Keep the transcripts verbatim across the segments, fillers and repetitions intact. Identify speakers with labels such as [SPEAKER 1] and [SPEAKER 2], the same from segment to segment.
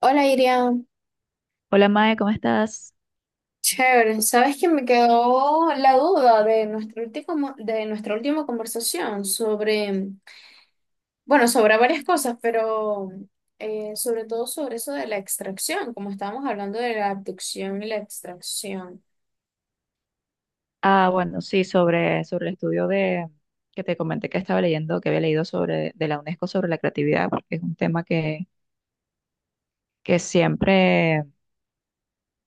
[SPEAKER 1] Hola Irian,
[SPEAKER 2] Hola Mae, ¿cómo estás?
[SPEAKER 1] chévere. ¿Sabes que me quedó la duda de nuestro último, de nuestra última conversación sobre, bueno, sobre varias cosas, pero eh, sobre todo sobre eso de la extracción, como estábamos hablando de la abducción y la extracción?
[SPEAKER 2] Ah, bueno, sí, sobre, sobre el estudio de que te comenté que estaba leyendo, que había leído sobre de la UNESCO sobre la creatividad, porque es un tema que, que siempre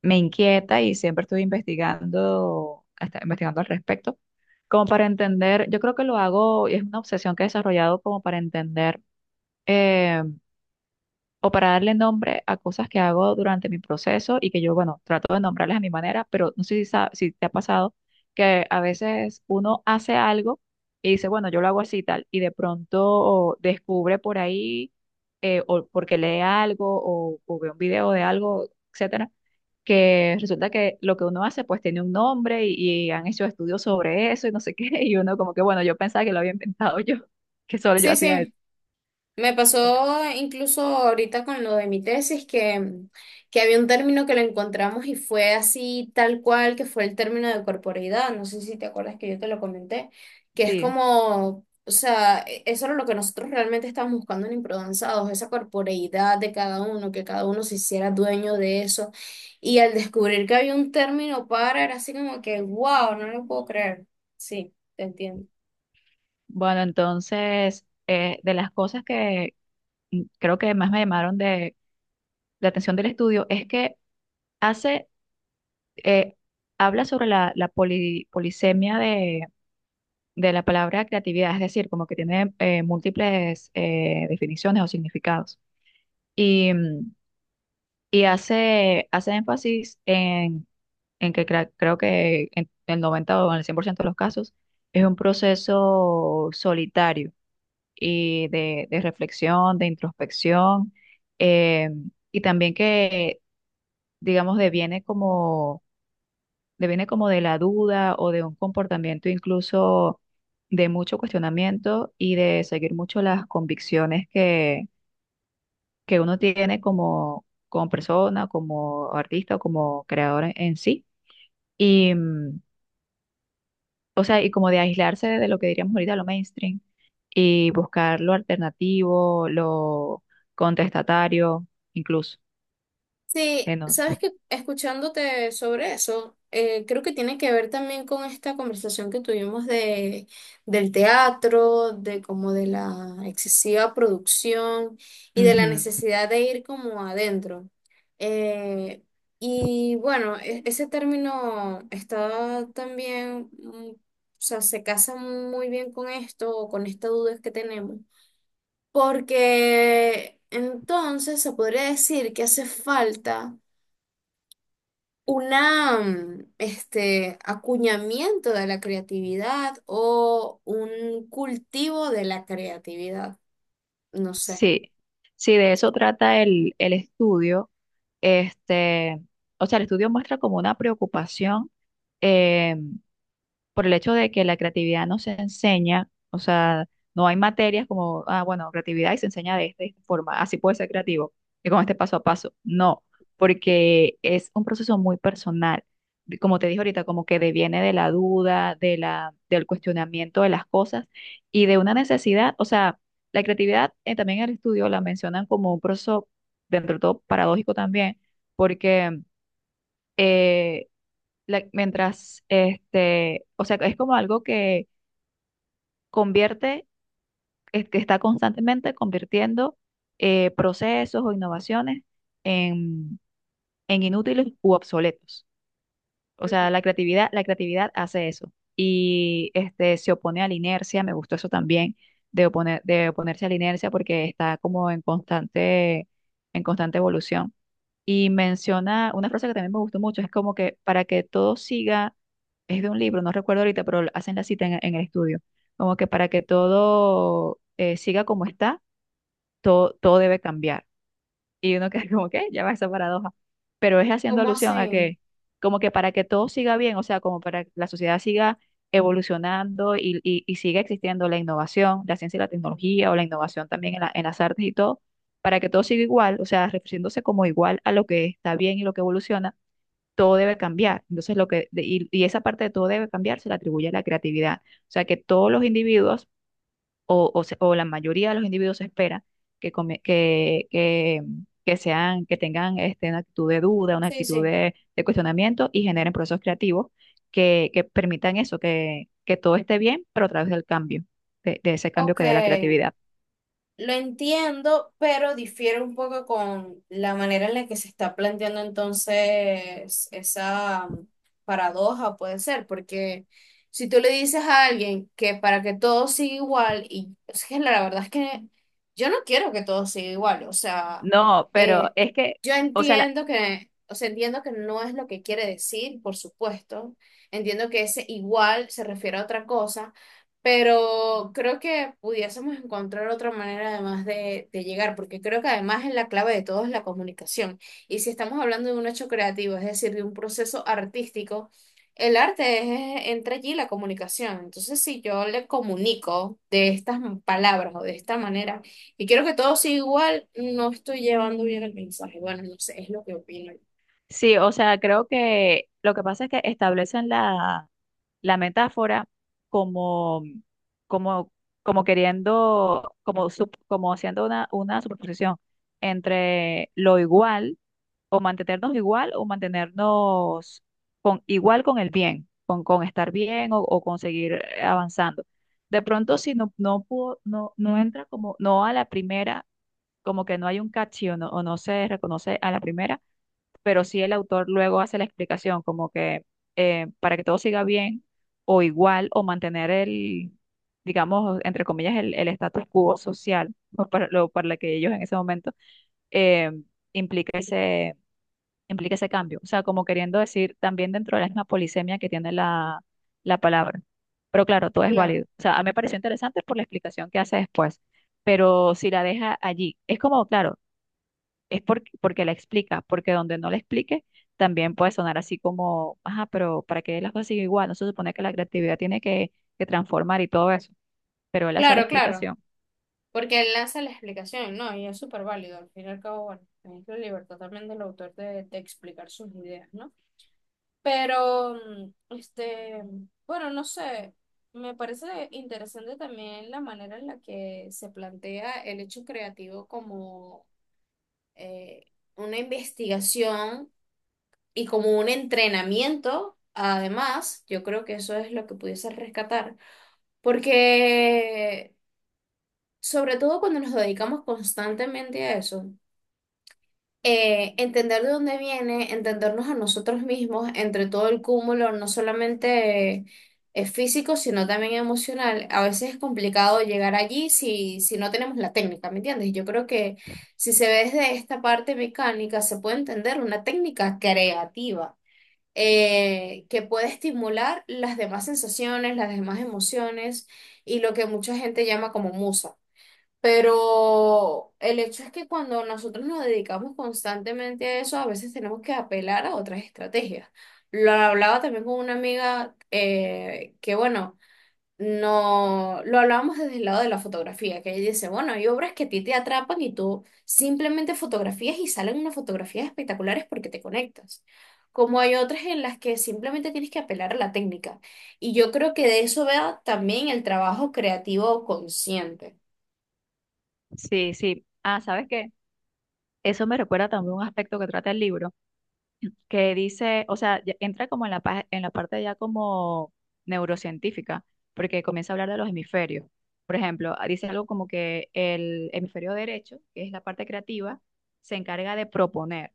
[SPEAKER 2] me inquieta y siempre estoy investigando, hasta investigando al respecto, como para entender, yo creo que lo hago, y es una obsesión que he desarrollado como para entender eh, o para darle nombre a cosas que hago durante mi proceso y que yo, bueno, trato de nombrarlas a mi manera, pero no sé si, sa- si te ha pasado que a veces uno hace algo y dice, bueno, yo lo hago así y tal, y de pronto descubre por ahí, eh, o porque lee algo o, o ve un video de algo, etcétera, que resulta que lo que uno hace pues tiene un nombre y, y han hecho estudios sobre eso y no sé qué, y uno como que, bueno, yo pensaba que lo había inventado yo, que solo yo
[SPEAKER 1] Sí,
[SPEAKER 2] hacía eso.
[SPEAKER 1] sí. Me
[SPEAKER 2] Bueno,
[SPEAKER 1] pasó incluso ahorita con lo de mi tesis que, que había un término que lo encontramos y fue así tal cual, que fue el término de corporeidad. No sé si te acuerdas que yo te lo comenté, que es
[SPEAKER 2] sí.
[SPEAKER 1] como, o sea, e- eso era lo que nosotros realmente estábamos buscando en Improdanzados, esa corporeidad de cada uno, que cada uno se hiciera dueño de eso. Y al descubrir que había un término para, era así como que, wow, no lo puedo creer. Sí, te entiendo.
[SPEAKER 2] Bueno, entonces, eh, de las cosas que mm, creo que más me llamaron de la atención del estudio es que hace, eh, habla sobre la, la poli- polisemia de, de la palabra creatividad, es decir, como que tiene eh, múltiples eh, definiciones o significados. Y, mm, y hace, hace énfasis en, en que cra- creo que en el noventa o en el cien por ciento de los casos es un proceso solitario y de, de reflexión, de introspección, eh, y también que, digamos, deviene como, deviene como de la duda o de un comportamiento incluso de mucho cuestionamiento y de seguir mucho las convicciones que, que uno tiene como, como persona, como artista o como creador en en sí. Y, mm, o sea, y como de aislarse de lo que diríamos ahorita, lo mainstream, y buscar lo alternativo, lo contestatario, incluso.
[SPEAKER 1] Sí,
[SPEAKER 2] Que no-
[SPEAKER 1] sabes que escuchándote sobre eso, eh, creo que tiene que ver también con esta conversación que tuvimos de, del teatro, de como de la excesiva producción y de la
[SPEAKER 2] Ujú.
[SPEAKER 1] necesidad de ir como adentro. Eh, y bueno, e- ese término está también, mm, o sea, se casa muy bien con esto o con esta duda que tenemos, porque entonces se podría decir que hace falta una, mm, este, acuñamiento de la creatividad o un cultivo de la creatividad. No sé.
[SPEAKER 2] Sí, sí, de eso trata el, el estudio. Este, o sea, el estudio muestra como una preocupación em, por el hecho de que la creatividad no se enseña, o sea, no hay materias como, ah, bueno, creatividad y se enseña de esta, de esta forma, así puedes ser creativo, y con este paso a paso. No, porque es un proceso muy personal. de- Como te dije ahorita, como que deviene de la duda, de la, del cuestionamiento de las cosas y de una necesidad, o sea, la creatividad eh, también en el estudio la mencionan como un proceso, dentro de todo, paradójico también, porque eh, la- mientras, este, o sea, es como algo que convierte, es que está constantemente convirtiendo eh, procesos o innovaciones en, en inútiles u obsoletos. O sea, la creatividad, la creatividad hace eso y este, se opone a la inercia, me gustó eso también, de, oponer, de oponerse a la inercia porque está como en constante, en constante evolución. Y menciona una frase que también me gustó mucho, es como que para que todo siga es de un libro, no recuerdo ahorita, pero hacen la cita en, en el estudio, como que para que todo eh, siga como está, todo, todo debe cambiar. Y uno queda como que, ya va esa paradoja, pero es haciendo
[SPEAKER 1] ¿Cómo
[SPEAKER 2] alusión a
[SPEAKER 1] así?
[SPEAKER 2] que, como que para que todo siga bien, o sea, como para que la sociedad siga evolucionando y, y, y siga existiendo la innovación, la ciencia y la tecnología, o la innovación también en la- en las artes y todo, para que todo siga igual, o sea, refiriéndose como igual a lo que está bien y lo que evoluciona todo debe cambiar. Entonces, lo que, de- y, y esa parte de todo debe cambiar se le atribuye a la creatividad. O sea, que todos los individuos, o, o, se- o la mayoría de los individuos, se espera que, come- que, que, que sean, que tengan este, una actitud de duda, una
[SPEAKER 1] Sí,
[SPEAKER 2] actitud
[SPEAKER 1] sí.
[SPEAKER 2] de, de cuestionamiento y generen procesos creativos que, que permitan eso, que, que todo esté bien, pero a través del cambio, de, de ese cambio
[SPEAKER 1] Ok.
[SPEAKER 2] que dé la creatividad.
[SPEAKER 1] Lo entiendo, pero difiere un poco con la manera en la que se está planteando entonces esa um, paradoja, puede ser, porque si tú le dices a alguien que para que todo siga igual, y es que la verdad es que yo no quiero que todo siga igual, o sea,
[SPEAKER 2] No, pero
[SPEAKER 1] eh,
[SPEAKER 2] es que,
[SPEAKER 1] yo
[SPEAKER 2] o sea, la-
[SPEAKER 1] entiendo que, o sea, entiendo que no es lo que quiere decir, por supuesto, entiendo que ese igual se refiere a otra cosa. Pero creo que pudiésemos encontrar otra manera además de, de llegar, porque creo que además es la clave de todo es la comunicación. Y si estamos hablando de un hecho creativo, es decir, de un proceso artístico, el arte es, entra allí la comunicación. Entonces, si yo le comunico de estas palabras o de esta manera, y quiero que todo sea igual, no estoy llevando bien el mensaje. Bueno, no sé, es lo que opino.
[SPEAKER 2] sí, o sea, creo que lo que pasa es que establecen la la metáfora como, como, como queriendo, como, sup- como haciendo una, una superposición entre lo igual o mantenernos igual o mantenernos con, igual con el bien, con, con estar bien o, o conseguir avanzando. De pronto, si no, no, pudo- no, no entra como, no a la primera, como que no hay un catchy o no, o no se reconoce a la primera pero sí el autor luego hace la explicación, como que eh, para que todo siga bien o igual o mantener el, digamos, entre comillas, el, el status quo social, o para lo para la que ellos en ese momento, eh, implica ese, implica ese cambio. O sea, como queriendo decir también dentro de la misma polisemia que tiene la, la palabra. Pero claro, todo es válido.
[SPEAKER 1] Claro,
[SPEAKER 2] O sea, a mí me pareció interesante por la explicación que hace después. Pero si la deja allí, es como, claro, es porque, porque la explica, porque donde no la explique, también puede sonar así como, ajá, pero ¿para qué las cosas siguen igual? No se supone que la creatividad tiene que, que transformar y todo eso, pero él hace la
[SPEAKER 1] claro, claro.
[SPEAKER 2] explicación.
[SPEAKER 1] Porque él lanza la explicación, ¿no? Y es súper válido. Al fin y al cabo, bueno, es la libertad también del autor de, de explicar sus ideas, ¿no? Pero, mm, este, bueno, no sé. Me parece interesante también la manera en la que se plantea el hecho creativo como eh, una investigación y como un entrenamiento. Además, yo creo que eso es lo que pudiese rescatar. Porque sobre todo cuando nos dedicamos constantemente a eso. Eh, entender de dónde viene, entendernos a nosotros mismos entre todo el cúmulo, no solamente eh, eh, físico, sino también emocional. A veces es complicado llegar allí si, si no tenemos la técnica, ¿me entiendes? Yo creo que si se ve desde esta parte mecánica, se puede entender una técnica creativa. Eh, que puede estimular las demás sensaciones, las demás emociones y lo que mucha gente llama como musa. Pero el hecho es que cuando nosotros nos dedicamos constantemente a eso, a veces tenemos que apelar a otras estrategias. Lo hablaba también con una amiga eh, que, bueno, no lo hablábamos desde el lado de la fotografía, que ella dice, bueno, hay obras que a ti te atrapan y tú simplemente fotografías y salen unas fotografías espectaculares porque te conectas. Como hay otras en las que simplemente tienes que apelar a la técnica. Y yo creo que de eso vea también el trabajo creativo consciente.
[SPEAKER 2] Sí, sí. Ah, ¿sabes qué? Eso me recuerda también un aspecto que trata el libro. Que dice, o sea, ya entra como en la, pa- en la parte ya como neurocientífica, porque comienza a hablar de los hemisferios. Por ejemplo, ah, dice algo como que el hemisferio derecho, que es la parte creativa, se encarga de proponer.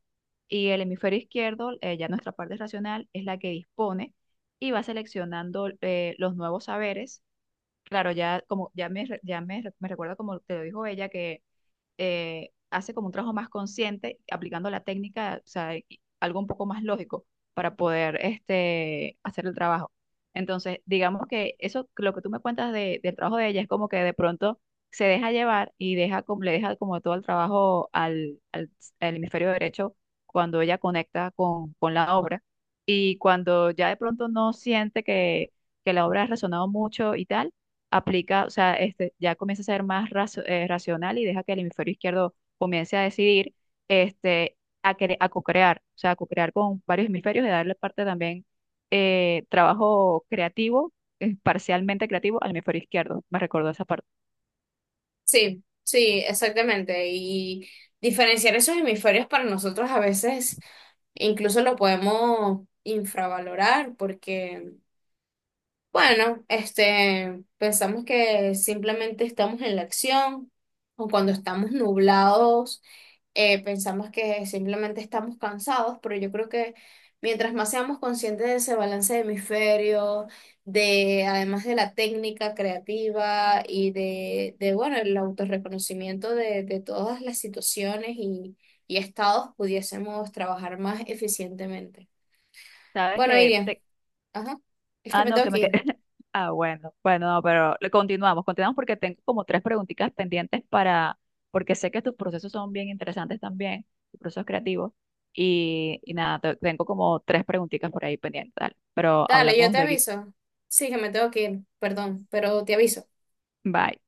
[SPEAKER 2] Y el hemisferio izquierdo, eh, ya nuestra parte racional, es la que dispone y va seleccionando eh, los nuevos saberes. Claro, ya como ya me, re- ya me, re- me recuerda como te lo dijo ella, eh, hace como un trabajo más consciente, aplicando la técnica, o sea, y- algo un poco más lógico para poder este, hacer el trabajo. Entonces, digamos que eso, lo que tú me cuentas de- del trabajo de ella es como que de pronto se deja llevar y deja, como- le deja como todo el trabajo al, al, al hemisferio derecho cuando ella conecta con, con la obra y cuando ya de pronto no siente que, que la obra ha resonado mucho y tal aplica, o sea, este, ya comienza a ser más razo- eh, racional y deja que el hemisferio izquierdo comience a decidir, este, a, cre- a co-crear, o sea, a co-crear con varios hemisferios y darle parte también eh, trabajo creativo, eh, parcialmente creativo al hemisferio izquierdo. Me recordó esa parte.
[SPEAKER 1] Sí, sí, exactamente. Y diferenciar esos hemisferios para nosotros a veces incluso lo podemos infravalorar porque, bueno, este, pensamos que simplemente estamos en la acción o cuando estamos nublados eh, pensamos que simplemente estamos cansados, pero yo creo que mientras más seamos conscientes de ese balance de hemisferio, de además de la técnica creativa y de, de bueno, el autorreconocimiento de, de todas las situaciones y, y estados, pudiésemos trabajar más eficientemente.
[SPEAKER 2] Sabes
[SPEAKER 1] Bueno,
[SPEAKER 2] que
[SPEAKER 1] Iriam,
[SPEAKER 2] te-
[SPEAKER 1] ajá, es que
[SPEAKER 2] Ah,
[SPEAKER 1] me
[SPEAKER 2] no,
[SPEAKER 1] tengo
[SPEAKER 2] que
[SPEAKER 1] que
[SPEAKER 2] me quedé.
[SPEAKER 1] ir.
[SPEAKER 2] Ah, bueno, bueno, no, pero le- continuamos, continuamos porque tengo como tres preguntitas pendientes para, porque sé que tus procesos son bien interesantes también, tus procesos creativos, y, y nada, te- tengo como tres preguntitas por ahí pendientes, dale, pero
[SPEAKER 1] Dale, yo
[SPEAKER 2] hablamos
[SPEAKER 1] te
[SPEAKER 2] luego.
[SPEAKER 1] aviso. Sí, que me tengo que ir, perdón, pero te aviso.
[SPEAKER 2] Bye.